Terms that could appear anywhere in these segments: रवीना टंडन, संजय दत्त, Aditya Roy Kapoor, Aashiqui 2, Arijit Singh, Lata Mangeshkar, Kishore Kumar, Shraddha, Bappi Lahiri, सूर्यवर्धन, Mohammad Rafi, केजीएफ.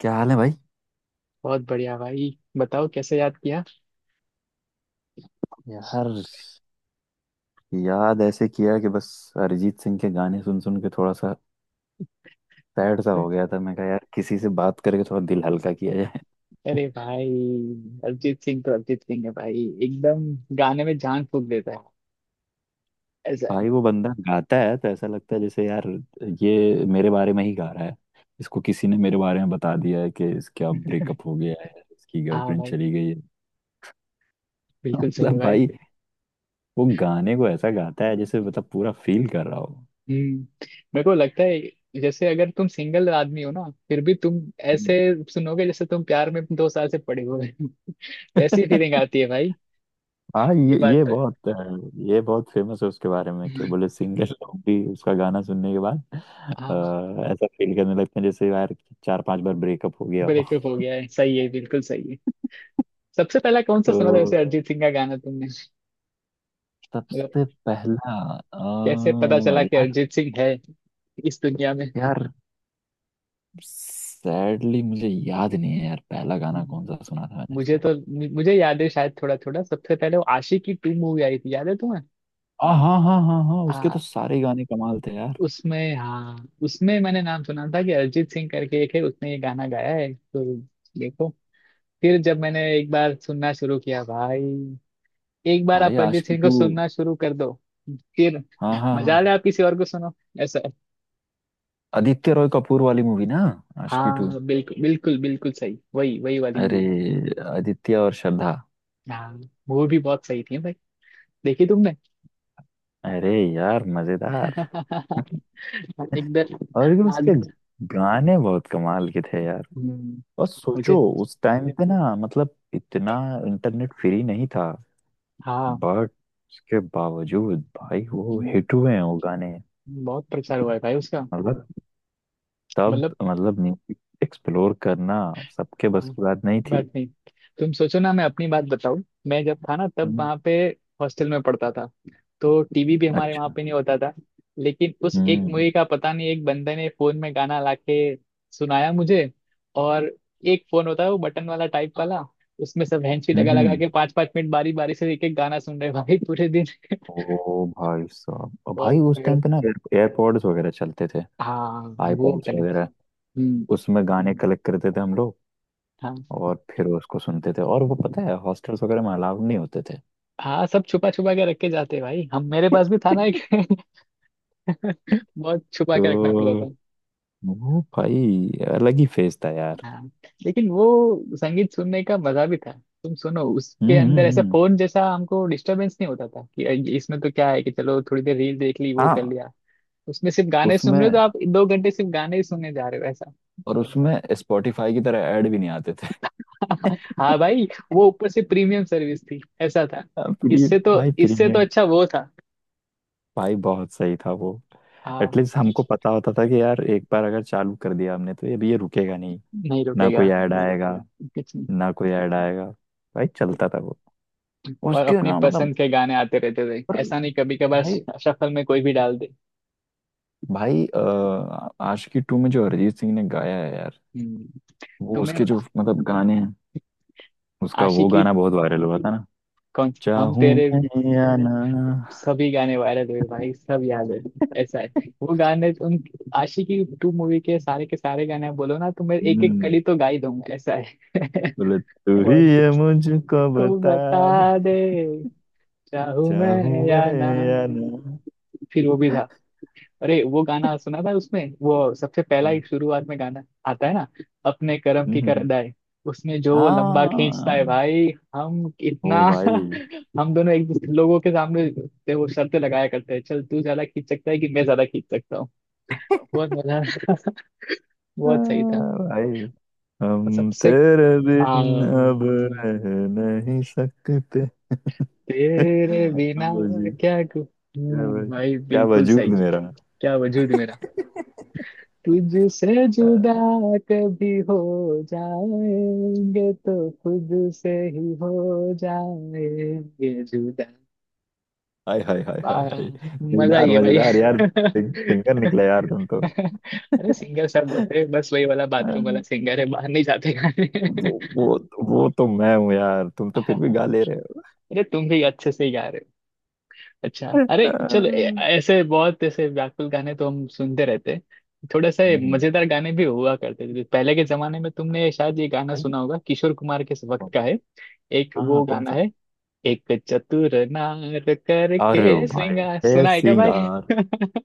क्या हाल है भाई। बहुत बढ़िया भाई, बताओ कैसे याद किया। यार, याद ऐसे किया कि बस अरिजीत सिंह के गाने सुन सुन के थोड़ा सा सैड सा हो गया था। मैं कहा यार किसी से बात करके थोड़ा दिल हल्का किया जाए। अरे भाई, अरिजीत सिंह तो अरिजीत सिंह है भाई, एकदम गाने में जान फूंक देता है, ऐसा है। भाई वो बंदा गाता है तो ऐसा लगता है जैसे यार ये मेरे बारे में ही गा रहा है। इसको किसी ने मेरे बारे में बता दिया है कि इसका ब्रेकअप हो गया है, इसकी हाँ गर्लफ्रेंड भाई, चली गई है। बिल्कुल सही है मतलब भाई। भाई वो गाने को ऐसा गाता है जैसे मतलब पूरा फील कर रहा हो। हम्म मेरे को लगता है जैसे अगर तुम सिंगल आदमी हो ना फिर भी तुम ऐसे हम्म। सुनोगे जैसे तुम प्यार में 2 साल से पड़े हुए हो। वैसी फीलिंग आती है भाई। हाँ, ये ये बात ये तो है। बहुत ये बहुत फेमस है उसके बारे में कि हम्म, बोले सिंगर लोग भी उसका गाना सुनने के बाद हाँ। ऐसा फील करने लगते हैं जैसे यार चार पांच बार ब्रेकअप हो गया हो। ब्रेकअप हो गया है, सही है, बिल्कुल सही है। सबसे पहला कौन सा तो सुना था वैसे अरिजीत सिंह का गाना तुमने? मतलब सबसे पहला कैसे पता चला कि यार, अरिजीत सिंह है इस दुनिया में? यार सैडली मुझे याद नहीं है यार पहला गाना हम्म, कौन सा सुना था मैंने मुझे इसका। तो मुझे याद है शायद थोड़ा थोड़ा, सबसे पहले वो आशिकी टू मूवी आई थी, याद है तुम्हें? हाँ हाँ हाँ हाँ, उसके तो आ, सारे गाने कमाल थे यार। उसमें, हाँ, उसमें मैंने नाम सुना था कि अरिजीत सिंह करके एक है, उसने ये गाना गाया है। तो देखो, फिर जब मैंने एक बार सुनना शुरू किया भाई, एक बार भाई आप अरिजीत आशिकी सिंह को टू। सुनना शुरू कर दो, फिर हाँ हाँ मजा ले हाँ, आप किसी और को सुनो, ऐसा है। आदित्य रॉय कपूर वाली मूवी ना, आशिकी टू। हाँ बिल्कुल बिल्कुल बिल्कुल सही, वही वही वाली अरे, मूवी। आदित्य और श्रद्धा। हाँ, मूवी भी बहुत सही थी भाई, देखी तुमने? अरे यार मजेदार। एकदम और क्या, उसके आज। गाने बहुत कमाल के थे यार। हम्म, और मुझे सोचो, उस टाइम पे ना मतलब इतना इंटरनेट फ्री नहीं था, हाँ। बट उसके बावजूद भाई वो हम्म, हिट हुए हैं वो गाने। बहुत प्रचार हुआ है भाई उसका। मतलब तब मतलब, मतलब म्यूजिक एक्सप्लोर करना सबके बस हाँ, की बात नहीं थी। बात नहीं। तुम सोचो ना, मैं अपनी बात बताऊं। मैं जब था ना तब हम्म, वहाँ पे हॉस्टल में पढ़ता था, तो टीवी भी हमारे वहाँ अच्छा। पे नहीं होता था। लेकिन उस एक हम्म मूवी का, पता नहीं, एक बंदे ने फोन में गाना लाके सुनाया मुझे। और एक फोन होता है वो बटन वाला टाइप वाला, उसमें सब हैंची लगा हम्म लगा हम्म। के 5-5 मिनट बारी बारी से एक एक गाना सुन रहे भाई पूरे दिन। ओ भाई साहब, और भाई बहुत उस टाइम पे ना एयरपॉड्स वगैरह चलते थे, हाँ, वो आईपॉड्स करें वगैरह। हम्म, उसमें गाने कलेक्ट करते थे हम लोग हाँ और फिर उसको सुनते थे। और वो पता है हॉस्टल्स वगैरह में अलाउड नहीं होते थे। हाँ। सब छुपा छुपा के रख के जाते हैं भाई, हम मेरे पास भी था ना एक। बहुत छुपा के रखना तो पड़ता था। वो भाई अलग ही फेज था यार। हाँ, लेकिन वो संगीत सुनने का मजा भी था। तुम सुनो उसके हम्म हम्म, अंदर ऐसा हम्म। फोन, जैसा हमको डिस्टरबेंस नहीं होता था कि इसमें तो क्या है कि चलो थोड़ी देर रील देख ली, वो कर हाँ, लिया। उसमें सिर्फ गाने सुन रहे हो तो उसमें आप 2 घंटे सिर्फ गाने ही सुनने जा रहे हो, ऐसा। और उसमें स्पॉटिफाई की तरह ऐड भी नहीं आते थे। हाँ भाई, वो ऊपर से प्रीमियम सर्विस थी, ऐसा था। प्री, इससे तो भाई इससे तो प्रीमियम, अच्छा वो था। भाई बहुत सही था वो। हाँ, एटलीस्ट हमको पता होता था कि यार एक बार अगर चालू कर दिया हमने तो ये अभी ये रुकेगा नहीं, नहीं ना रुकेगा, कोई ऐड आएगा, कुछ नहीं। ना कोई ऐड आएगा। भाई चलता था वो। और और उसके अपनी ना मतलब। पसंद के गाने आते रहते थे, और ऐसा नहीं कभी कभार भाई, शफल में कोई भी डाल दे। भाई, आशिकी टू में जो अरिजीत सिंह ने गाया है यार, हम्म, वो तुम्हें उसके जो मतलब गाने हैं, उसका वो आशिकी, गाना बहुत वायरल हुआ था ना। कौन, हम चाहूं तेरे? मैं या ना। सभी गाने वायरल हुए भाई, सब याद है, ऐसा है। वो गाने उन आशिकी टू मूवी के सारे गाने आप बोलो ना तो मैं एक एक हम्म, कली तो गा ही दूंगा, ऐसा है। बोले तू ही बहुत ये मुझको को बता दे, बता दे, चाहूं चाहूं मैं या मैं ना। या ना। फिर वो भी था, अरे वो गाना सुना था उसमें वो सबसे पहला ही हम्म, शुरुआत में गाना आता है ना, अपने कर्म की कर हम्म। अदाय। उसमें जो वो लंबा खींचता है हाँ, भाई, हम ओ इतना। भाई, हम दोनों एक दूसरे लोगों के सामने से वो शर्तें लगाया करते हैं, चल तू ज्यादा खींच सकता है कि मैं ज्यादा खींच सकता हूँ। बहुत मजा, बहुत सही था। भाई और हम सबसे तेरे आ, बिन अब रह नहीं सकते। तेरे बिना आओ क्या कु- क्या भाई, भाई क्या बिल्कुल वजूद सही। मेरा। क्या वजूद मेरा तुझसे जुदा, कभी हो जाएंगे तो खुद से ही हो जाएंगे जुदा। हाय हाय हाय हाय वाह! हाय। मजा आई मजेदार है भाई। मजेदार यार। सिंगर निकला यार तुम तो। अरे, सिंगर सब होते हैं, बस वही वाला बाथरूम वाला सिंगर है, बाहर नहीं जाते गाने। वो, वो तो मैं हूँ यार, तुम तो फिर भी गा ले रहे हो। अरे, तुम भी अच्छे से गा रहे हो। अच्छा, अरे चलो, ऐसे बहुत ऐसे व्याकुल गाने तो हम सुनते रहते हैं। थोड़ा सा ये हम्म, मजेदार गाने भी हुआ करते थे पहले के जमाने में। तुमने शायद ये गाना भाई सुना होगा, किशोर कुमार के वक्त कौन-। का है। एक हाँ हाँ, वो कौन गाना सा। है, एक चतुर नार अरे करके, भाई, सिंगा ए सुना है क्या भाई? सिंगार,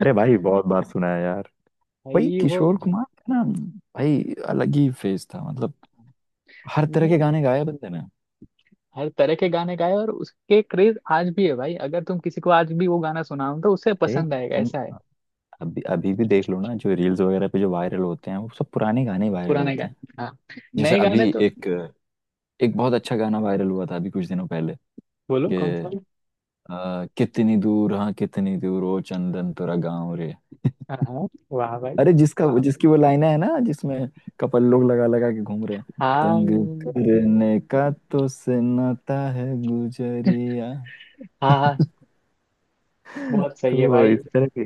अरे भाई बहुत बार सुना है यार। भाई भाई वो किशोर कुमार का ना, भाई अलग ही फेज था, मतलब हर तरह के वो गाने गाए बंदे ने। हर तरह के गाने गाए, और उसके क्रेज आज भी है भाई। अगर तुम किसी को आज भी वो गाना सुनाओ तो उसे अरे पसंद आएगा, तुम, ऐसा है। अभी अभी भी देख लो ना जो रील्स वगैरह पे जो वायरल होते हैं वो सब पुराने गाने वायरल पुराने होते हैं। गाने, हाँ, जैसे नए अभी गाने तो। एक, एक बहुत अच्छा गाना वायरल हुआ था अभी कुछ दिनों पहले बोलो कौन सा। कि कितनी दूर, हाँ कितनी दूर ओ चंदन तेरा गाँव रे। हाँ हाँ, वाह भाई। अरे जिसका, हाँ जिसकी वो लाइन है ना जिसमें कपल लोग लगा लगा के घूम रहे हैं। हाँ तंग करने का तो सन्नाटा है गुजरिया। हाँ हाँ, बहुत सही है तो भाई। इस तरह के,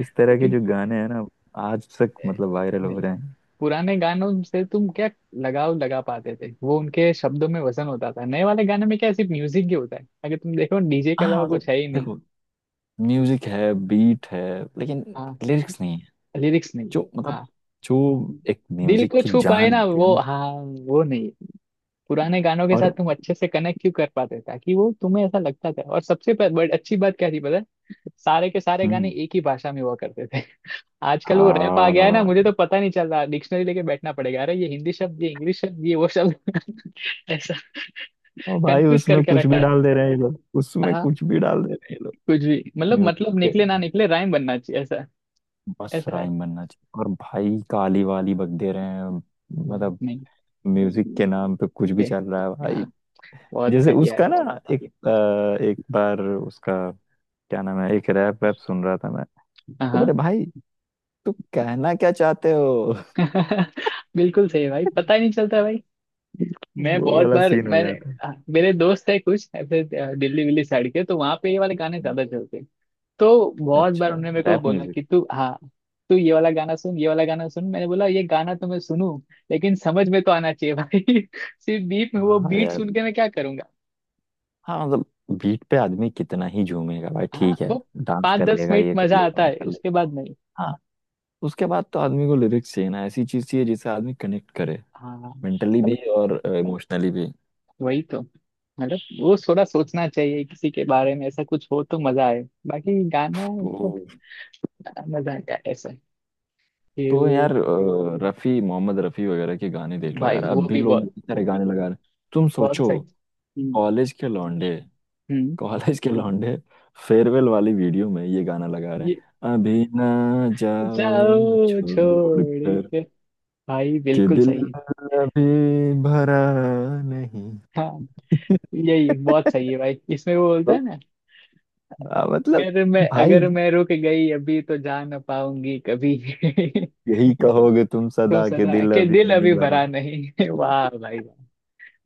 इस तरह के लेकिन जो गाने हैं ना आज तक मतलब वायरल हो नहीं, रहे हैं। पुराने गानों से तुम क्या लगाव लगा पाते थे, वो उनके शब्दों में वजन होता था। नए वाले गाने में क्या सिर्फ म्यूजिक ही होता है, अगर तुम देखो डीजे के हाँ अलावा मतलब कुछ है ही नहीं। देखो, म्यूजिक है, बीट है, लेकिन हाँ, लिरिक्स नहीं है। लिरिक्स नहीं है, जो हाँ। मतलब जो एक दिल म्यूजिक को की छू पाए जान ना होती है वो, ना। हाँ, वो नहीं है। पुराने गानों के साथ और तुम अच्छे से कनेक्ट क्यों कर पाते, ताकि वो तुम्हें ऐसा लगता था। और सबसे बड़ अच्छी बात क्या थी पता है, सारे के सारे गाने हम्म, एक ही भाषा में हुआ करते थे। आजकल वो रैप आ गया है ना, मुझे हाँ। तो पता नहीं चल रहा, डिक्शनरी लेके बैठना पड़ेगा। अरे ये हिंदी शब्द, ये इंग्लिश शब्द, ये वो शब्द। ऐसा ओ भाई कंफ्यूज उसमें करके कुछ रखा भी है। डाल दे रहे हैं ये लोग, उसमें हाँ, कुछ भी डाल दे रहे हैं ये लोग। कुछ भी मतलब, म्यूजिक मतलब के, निकले ना निकले, राइम बनना चाहिए, ऐसा। बस ऐसा है, राइम बनना चाहिए और भाई काली वाली बक दे रहे हैं। नहीं मतलब नहीं। म्यूजिक के नाम पे कुछ भी पे चल रहा है भाई। हाँ, बहुत जैसे घटिया है, उसका ना एक एक बार उसका क्या नाम है, एक रैप वैप सुन रहा था मैं। तो हाँ। बोले भाई तू कहना क्या चाहते हो। बिल्कुल सही है भाई, पता ही नहीं चलता भाई। मैं वो बहुत वाला बार सीन हो मैंने जाता है। मेरे दोस्त है कुछ ऐसे, दिल्ली विल्ली साइड के, तो वहां पे ये वाले गाने ज्यादा चलते हैं। तो बहुत बार अच्छा, उन्होंने मेरे को रैप बोला कि म्यूजिक। तू ये वाला गाना सुन, ये वाला गाना सुन। मैंने बोला ये गाना तो मैं सुनूं, लेकिन समझ में तो आना चाहिए भाई। सिर्फ बीट में वो हाँ बीट यार, सुन के मैं क्या करूंगा। हाँ मतलब बीट पे आदमी कितना ही झूमेगा भाई, हाँ ठीक है वो डांस पाँच कर दस लेगा, मिनट ये कर मजा लेगा, आता वो है, कर उसके बाद लेगा। नहीं। हाँ, उसके बाद तो आदमी को लिरिक्स चाहिए ना, ऐसी चीज चाहिए जिससे आदमी कनेक्ट करे, हाँ, मेंटली भी मतलब और इमोशनली भी। वही तो, मतलब वो थोड़ा सोचना चाहिए किसी के बारे में, ऐसा कुछ हो तो मजा आए, बाकी गाना तो तो, मजा आएगा, ऐसा। तो यार रफी, मोहम्मद रफी वगैरह के गाने देख लो भाई यार अब वो भी भी लोग बहुत, बहुत सारे गाने लगा रहे हैं। तुम बहुत सोचो, सही। हम्म, कॉलेज के लौंडे, हम्म, कॉलेज के लौंडे फेयरवेल वाली वीडियो में ये गाना लगा रहे ये हैं अभी ना, जाओ जाओ छोड़ छोड़ कर के भाई, कि बिल्कुल दिल सही है। अभी भरा नहीं। हाँ, यही बहुत सही है भाई, इसमें वो बोलता तो, है ना, मतलब अगर मैं भाई अगर मैं रुक गई अभी तो जा ना पाऊंगी कभी। यही कहोगे तुम तुम सदा के, सदा दिल के अभी दिल नहीं अभी भरा भरा, नहीं। वाह भाई वाह।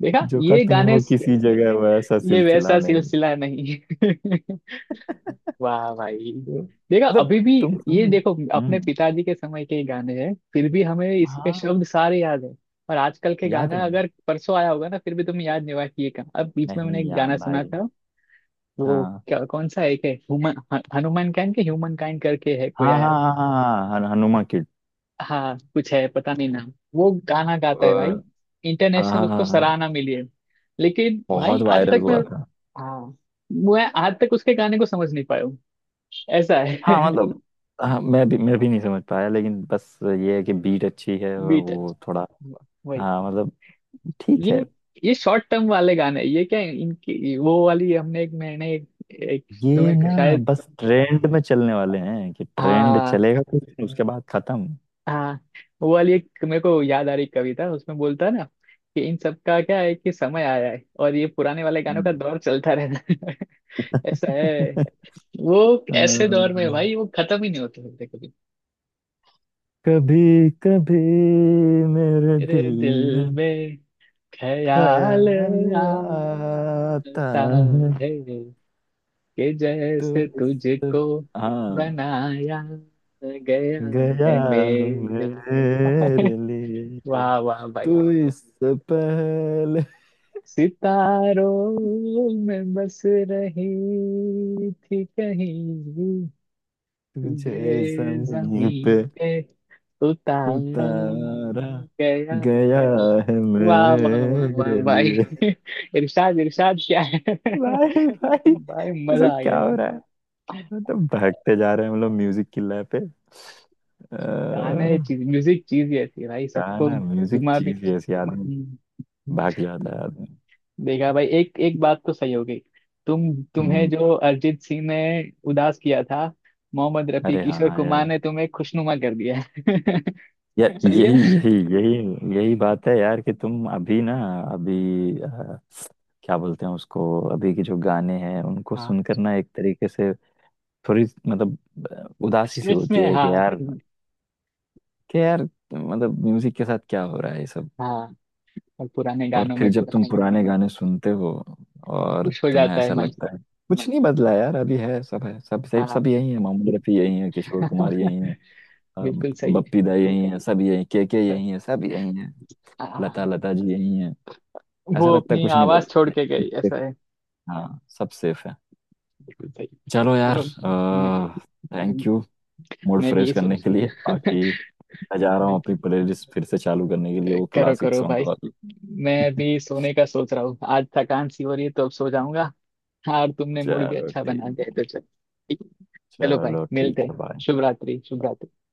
देखा जो ये खत्म गाने हो किसी जगह वो ऐसा ये वैसा सिलसिला नहीं। सिलसिला नहीं। वाह भाई, तो, देखा मतलब अभी भी। तुम। ये देखो अपने हम्म, पिताजी के समय के ही गाने हैं, फिर भी हमें इसके हाँ। शब्द सारे याद हैं। और आजकल के याद गाना है, अगर परसों आया होगा ना फिर भी तुम्हें याद नहीं होगा कि ये क्या। अब बीच में मैंने नहीं एक याद गाना सुना भाई। था, वो हाँ क्या, कौन सा एक है, ह्यूमन, हनुमान काइंड के ह्यूमन काइंड करके है कोई हाँ हाँ, आया। हाँ हाँ हाँ, हनुमा किड। हाँ कुछ है, पता नहीं नाम, वो गाना गाता है भाई, इंटरनेशनल उसको हाँ सराहना मिली है। लेकिन भाई बहुत आज वायरल तक मैं हुआ था। हाँ, मैं आज तक उसके गाने को समझ नहीं पाया हूँ, ऐसा है। हाँ मतलब, हाँ मैं भी नहीं समझ पाया, लेकिन बस ये है कि बीट अच्छी है और बीट, वो थोड़ा। वही। हाँ मतलब ठीक है, ये ये शॉर्ट टर्म वाले गाने ये क्या इनकी, वो वाली हमने एक, मैंने एक, एक। ये तुम्हें ना शायद, बस ट्रेंड में चलने वाले हैं कि ट्रेंड हाँ चलेगा कुछ उसके बाद खत्म। हाँ। वो वाली एक मेरे को याद आ रही कविता, उसमें बोलता है ना कि इन सब का क्या है कि समय आया है और ये पुराने वाले गानों का हम्म। दौर चलता रहता है। ऐसा है, वो अ, ऐसे दौर में भाई वो खत्म ही नहीं होते होते कभी। कभी कभी मेरे दिल तेरे में दिल में ख्याल ख्याल आता आता है। है कि तो जैसे इस-, तुझको हाँ बनाया गया गया है हूँ मेरे लिए। मेरे लिए। वाह वाह भाई। तू इससे पहले, सितारों में बस रही थी कहीं, तुझे तुझे जमीन पे जमीन पे उतारा उतारा गया है। गया है वाह वाह वाह वाह मेरे भाई! लिए। इरशाद इरशाद, क्या है? भाई भाई भाई ये मजा सब आ क्या हो गया। रहा है। मतलब भागते जा रहे हैं हम लोग म्यूजिक की लय पे। अ, गाना ये चीज, म्यूजिक चीज ही ऐसी है भाई, सबको गाना म्यूजिक जुमा भी चीज ही ऐसी, आदमी भाग जाता है आदमी। देगा भाई। एक एक बात तो सही हो गई, तुम्हें हम्म, जो अरिजीत सिंह ने उदास किया था, मोहम्मद रफी अरे हाँ किशोर कुमार यार, ने तुम्हें खुशनुमा कर दिया है। या सही है ना? यही यही यही यही बात है यार कि तुम अभी ना, अभी, क्या बोलते हैं उसको, अभी के जो गाने हैं उनको हाँ, सुनकर ना एक तरीके से थोड़ी मतलब उदासी सी स्ट्रेस में, होती है हाँ कि यार, कि यार मतलब म्यूजिक के साथ क्या हो रहा है ये सब। हाँ। और पुराने और गानों फिर में तो जब था, तुम बताइए पुराने गाने सुनते हो और खुश हो तुम्हें जाता है ऐसा मन, लगता है कुछ नहीं बदला यार, अभी है सब, है सब सब हाँ। सब यही है, मोहम्मद रफी यही है, किशोर कुमार यही है, अ, बिल्कुल सही है, बप्पी दा यही है सब, यही के यही है सब यही है, लता हाँ, लता जी यही है। वो ऐसा लगता है अपनी कुछ नहीं आवाज बदला, छोड़ के नहीं, गई, सब safe है। ऐसा है। हाँ सब सेफ है। बिल्कुल सही, चलो यार, चलो। मैं थैंक यू मूड मैं भी फ्रेश यही करने के लिए। सोच। बाकी मैं जा रहा हूँ अपनी बिल्कुल, प्लेलिस्ट फिर से चालू करने के लिए, वो करो क्लासिक करो सॉन्ग भाई। वाली। मैं अभी सोने का सोच रहा हूँ, आज थकान सी हो रही है तो अब सो जाऊंगा। हाँ, और तुमने मूड भी चलो अच्छा बना ठीक, दिया है, तो चलो ठीक है। चलो भाई चलो ठीक मिलते हैं, है, बाय। शुभ रात्रि शुभ बाय। रात्रि।